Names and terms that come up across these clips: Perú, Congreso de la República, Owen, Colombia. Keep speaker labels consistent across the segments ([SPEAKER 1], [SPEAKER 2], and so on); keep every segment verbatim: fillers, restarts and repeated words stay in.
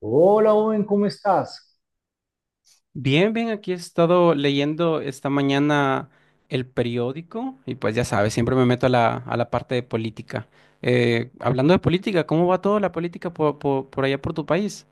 [SPEAKER 1] Hola, Owen, ¿cómo estás?
[SPEAKER 2] Bien, bien, aquí he estado leyendo esta mañana el periódico y pues ya sabes, siempre me meto a la, a la parte de política. Eh, hablando de política, ¿cómo va toda la política por, por- por allá por tu país?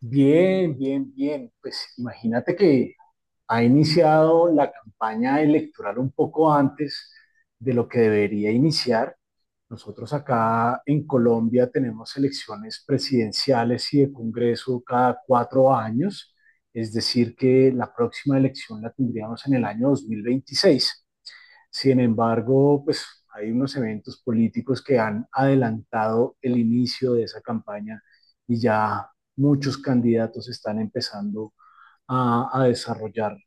[SPEAKER 1] Bien, bien, bien. Pues imagínate que ha iniciado la campaña electoral un poco antes de lo que debería iniciar. Nosotros acá en Colombia tenemos elecciones presidenciales y de Congreso cada cuatro años, es decir, que la próxima elección la tendríamos en el año dos mil veintiséis. Sin embargo, pues hay unos eventos políticos que han adelantado el inicio de esa campaña y ya muchos candidatos están empezando a, a desarrollar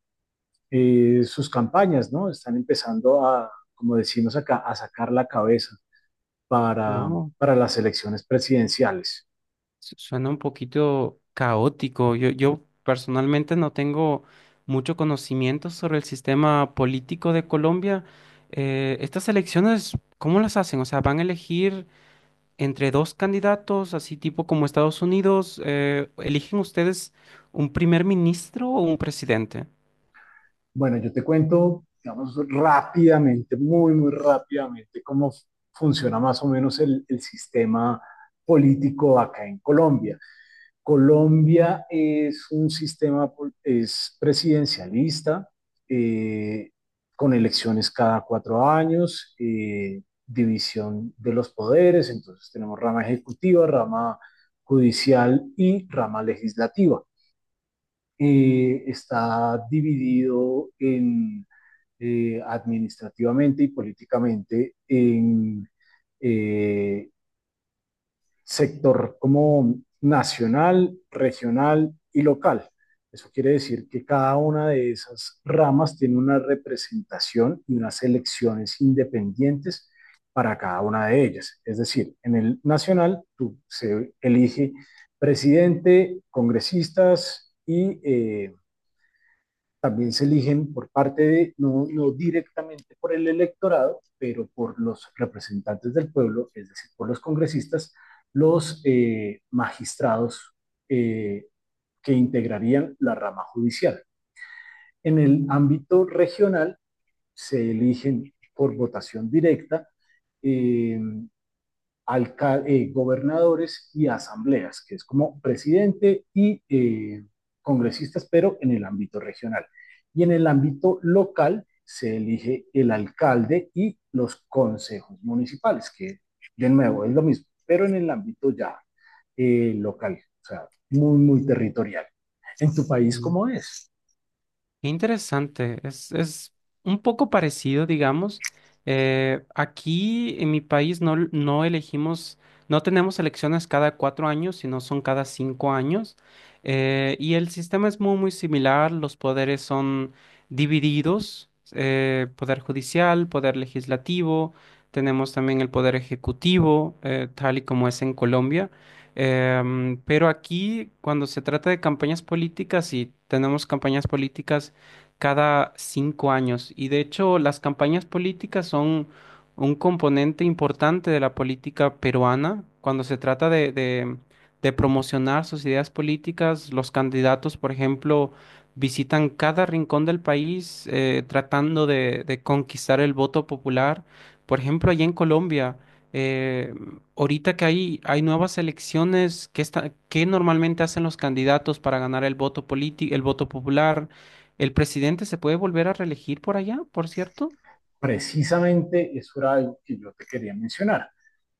[SPEAKER 1] eh, sus campañas, ¿no? Están empezando a, como decimos acá, a sacar la cabeza para,
[SPEAKER 2] Oh,
[SPEAKER 1] para las elecciones presidenciales.
[SPEAKER 2] su- suena un poquito caótico. Yo, yo personalmente no tengo mucho conocimiento sobre el sistema político de Colombia. Eh, estas elecciones, ¿cómo las hacen? O sea, ¿van a elegir entre dos candidatos, así tipo como Estados Unidos? Eh, ¿eligen ustedes un primer ministro o un presidente?
[SPEAKER 1] Bueno, yo te cuento, digamos, rápidamente, muy, muy rápidamente, cómo funciona más o menos el, el sistema político acá en Colombia. Colombia es un sistema es presidencialista, eh, con elecciones cada cuatro años, eh, división de los poderes, entonces tenemos rama ejecutiva, rama judicial y rama legislativa. Eh, está dividido en, eh, administrativamente y políticamente en eh, sector como nacional, regional y local. Eso quiere decir que cada una de esas ramas tiene una representación y unas elecciones independientes para cada una de ellas. Es decir, en el nacional tú se elige presidente, congresistas y eh, también se eligen por parte de, no, no directamente por el electorado, pero por los representantes del pueblo, es decir, por los congresistas, los eh, magistrados eh, que integrarían la rama judicial. En el ámbito regional se eligen por votación directa eh, alca- eh, gobernadores y asambleas, que es como presidente y eh, congresistas, pero en el ámbito regional. Y en el ámbito local se elige el alcalde y los consejos municipales, que de nuevo es lo mismo, pero en el ámbito ya eh, local, o sea, muy, muy territorial. ¿En tu país cómo es?
[SPEAKER 2] Qué interesante, es, es un poco parecido, digamos. Eh, aquí en mi país no, l- no elegimos, no tenemos elecciones cada cuatro años, sino son cada cinco años. Eh, y el sistema es muy, muy similar, los poderes son divididos, eh, poder judicial, poder legislativo, tenemos también el poder ejecutivo, eh, tal y como es en Colombia. Em, pero aquí, cuando se trata de campañas políticas, y tenemos campañas políticas cada cinco años. Y de hecho, las campañas políticas son un componente importante de la política peruana. Cuando se trata de, de- de promocionar sus ideas políticas, los candidatos, por ejemplo, visitan cada rincón del país, eh, tratando de, de conquistar el voto popular. Por ejemplo, allá en Colombia, eh, ahorita que hay, hay nuevas elecciones, ¿qué está, qué normalmente hacen los candidatos para ganar el voto político, el voto popular? ¿El presidente se puede volver a reelegir por allá, por cierto?
[SPEAKER 1] Precisamente eso era algo que yo te quería mencionar.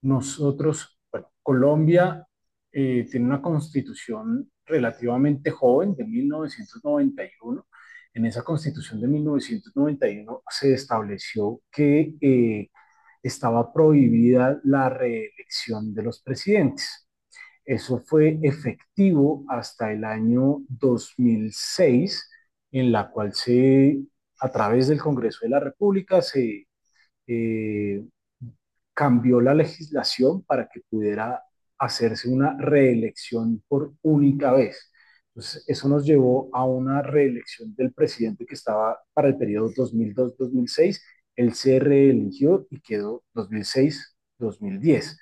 [SPEAKER 1] Nosotros, bueno, Colombia eh, tiene una constitución relativamente joven de mil novecientos noventa y uno. En esa constitución de mil novecientos noventa y uno se estableció que eh, estaba prohibida la reelección de los presidentes. Eso fue efectivo hasta el año dos mil seis, en la cual se, a través del Congreso de la República se eh, cambió la legislación para que pudiera hacerse una reelección por única vez. Entonces, eso nos llevó a una reelección del presidente que estaba para el periodo dos mil dos-dos mil seis. Él se reeligió y quedó dos mil seis-dos mil diez.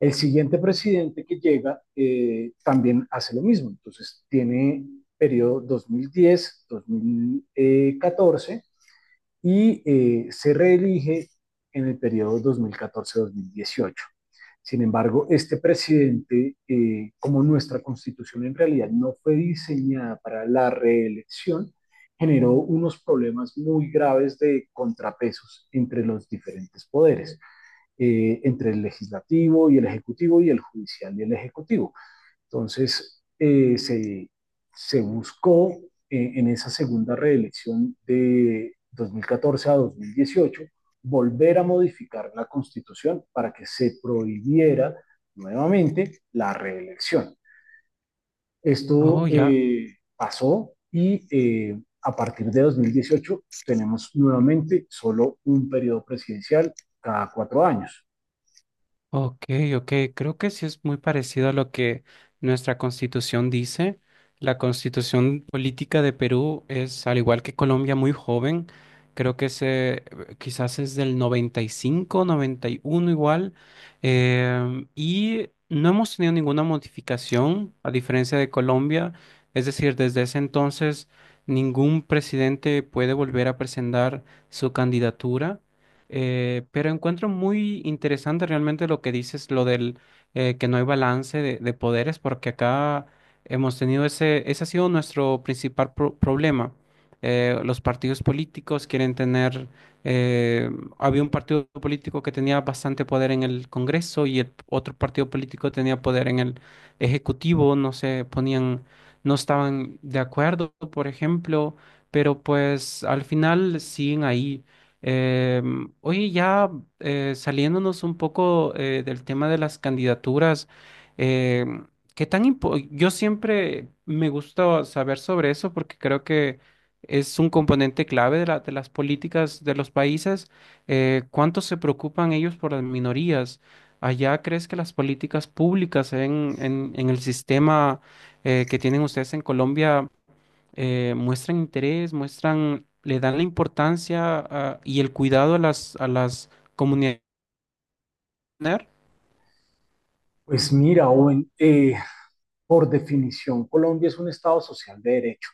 [SPEAKER 1] El siguiente presidente que llega eh, también hace lo mismo. Entonces tiene periodo dos mil diez-dos mil catorce y eh, se reelige en el periodo dos mil catorce-dos mil dieciocho. Sin embargo, este presidente, eh, como nuestra constitución en realidad no fue diseñada para la reelección, generó unos problemas muy graves de contrapesos entre los diferentes poderes eh, entre el legislativo y el ejecutivo y el judicial y el ejecutivo. Entonces, eh, se, se buscó eh, en esa segunda reelección de dos mil catorce a dos mil dieciocho volver a modificar la constitución para que se prohibiera nuevamente la reelección.
[SPEAKER 2] Oh,
[SPEAKER 1] Esto
[SPEAKER 2] ya.
[SPEAKER 1] eh, pasó y eh, a partir de dos mil dieciocho tenemos nuevamente solo un periodo presidencial cada cuatro años.
[SPEAKER 2] Ok, ok, creo que sí es muy parecido a lo que nuestra constitución dice. La constitución política de Perú es, al igual que Colombia, muy joven. Creo que se, quizás es del noventa, noventa y cinco, noventa y uno igual. Em, y no hemos tenido ninguna modificación, a diferencia de Colombia. Es decir, desde ese entonces ningún presidente puede volver a presentar su candidatura. Eh, pero encuentro muy interesante realmente lo que dices, lo del eh, que no hay balance de, de poderes, porque acá hemos tenido ese, ese ha sido nuestro principal pro- problema. Eh, los partidos políticos quieren tener, eh, había un partido político que tenía bastante poder en el Congreso y el otro partido político tenía poder en el Ejecutivo, no se ponían, no estaban de acuerdo, por ejemplo, pero pues al final siguen ahí. Em, oye, ya eh, saliéndonos un poco eh, del tema de las candidaturas, em, ¿qué tan impo- Yo siempre me gusta saber sobre eso porque creo que es un componente clave de la- de las políticas de los países. Eh, ¿cuánto se preocupan ellos por las minorías? ¿Allá crees que las políticas públicas en, en- en el sistema eh, que tienen ustedes en Colombia eh, muestran interés, muestran, le dan la importancia a- y el cuidado a las, a las comunidades?
[SPEAKER 1] Pues mira, Owen, eh, por definición, Colombia es un estado social de derecho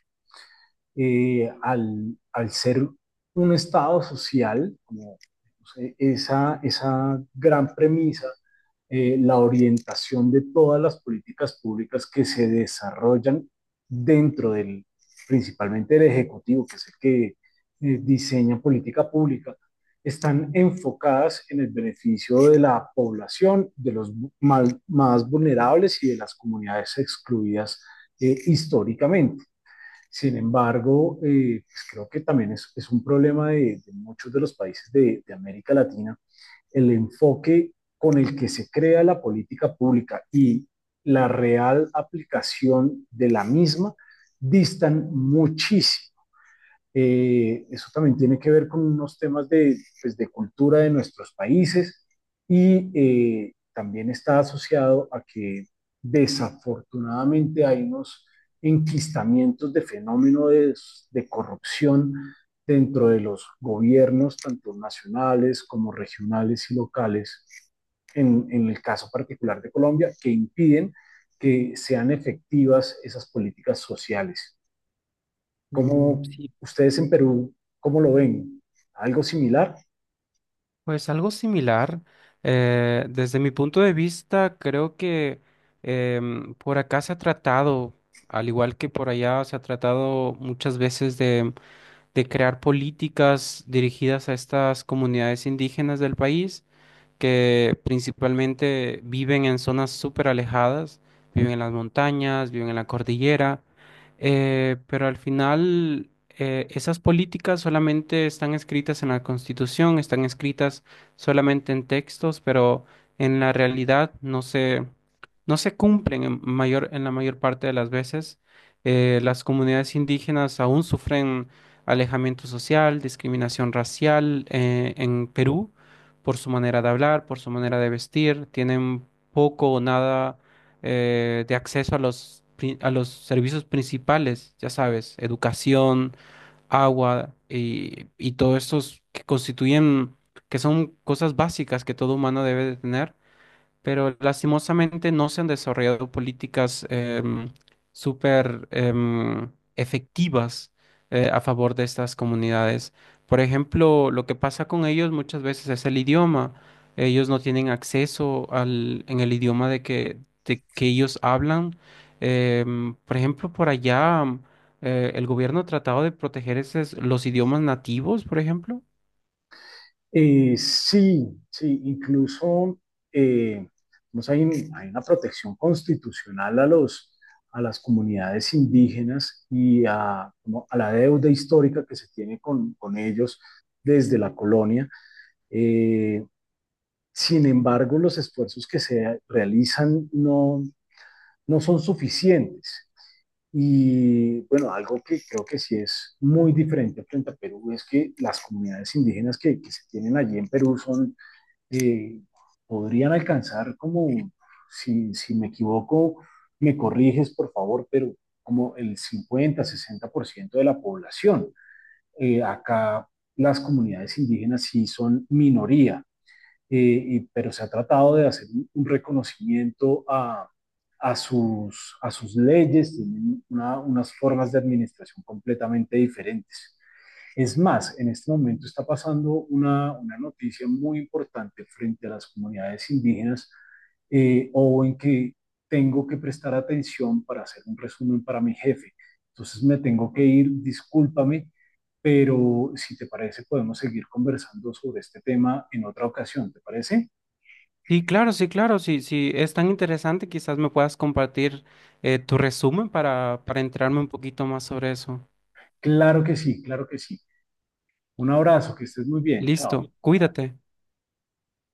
[SPEAKER 1] eh, al, al ser un estado social, como no sé, esa, esa gran premisa, eh, la orientación de todas las políticas públicas que se desarrollan dentro del, principalmente del Ejecutivo, que es el que eh, diseña política pública, están enfocadas en el beneficio de la población, de los mal- más vulnerables y de las comunidades excluidas eh, históricamente. Sin embargo, eh, pues creo que también es, es un problema de, de muchos de los países de, de América Latina, el enfoque con el que se crea la política pública y la real aplicación de la misma distan muchísimo. Eh, eso también tiene que ver con unos temas de, pues, de cultura de nuestros países y eh, también está asociado a que desafortunadamente hay unos enquistamientos de fenómeno de, de corrupción dentro de los gobiernos, tanto nacionales como regionales y locales, en, en el caso particular de Colombia, que impiden que sean efectivas esas políticas sociales.
[SPEAKER 2] Mm,
[SPEAKER 1] ¿Cómo
[SPEAKER 2] sí,
[SPEAKER 1] ustedes en Perú, cómo lo ven? ¿Algo similar?
[SPEAKER 2] pues algo similar. Eh, desde mi punto de vista, creo que em, por acá se ha tratado, al igual que por allá, se ha tratado muchas veces de, de crear políticas dirigidas a estas comunidades indígenas del país, que principalmente viven en zonas súper alejadas, viven en las montañas, viven en la cordillera. Eh, pero al final, eh, esas políticas solamente están escritas en la Constitución, están escritas solamente en textos, pero en la realidad no se, no se cumplen en mayor, en la mayor parte de las veces. Eh, las comunidades indígenas aún sufren alejamiento social, discriminación racial, eh, en Perú por su manera de hablar, por su manera de vestir, tienen poco o nada eh, de acceso a los, pri- a los servicios principales, ya sabes, educación, agua, y, y todos estos que constituyen, que son cosas básicas que todo humano debe de tener, pero lastimosamente no se han desarrollado políticas em, súper em, efectivas eh, a favor de estas comunidades. Por ejemplo, lo que pasa con ellos muchas veces es el idioma. Ellos no tienen acceso al, en el idioma de que, de que ellos hablan. Em, por ejemplo, por allá eh, el gobierno ha tratado de proteger esos, los idiomas nativos, por ejemplo.
[SPEAKER 1] Eh, sí, sí, incluso eh, pues hay, un- hay una protección constitucional a los, a las comunidades indígenas y a, como a la deuda histórica que se tiene con, con ellos desde la colonia. Eh, sin embargo, los esfuerzos que se realizan no, no son suficientes. Y bueno, algo que creo que sí es muy diferente frente a Perú es que las comunidades indígenas que, que se tienen allí en Perú son, eh, podrían alcanzar como, si, si me equivoco, me corriges por favor, pero como el cincuenta, sesenta por ciento de la población. Eh, acá las comunidades indígenas sí son minoría eh, y, pero se ha tratado de hacer un, un reconocimiento a, a sus, a sus leyes, tienen una, unas formas de administración completamente diferentes. Es más, en este momento está pasando una, una noticia muy importante frente a las comunidades indígenas, eh, o en que tengo que prestar atención para hacer un resumen para mi jefe. Entonces me tengo que ir, discúlpame, pero si te parece podemos seguir conversando sobre este tema en otra ocasión, ¿te parece?
[SPEAKER 2] Sí, claro, sí, claro. Sí, sí, es tan interesante, quizás me puedas compartir eh, tu resumen para, para enterarme un poquito más sobre eso.
[SPEAKER 1] Claro que sí, claro que sí. Un abrazo, que estés muy bien, chao.
[SPEAKER 2] Listo, cuídate.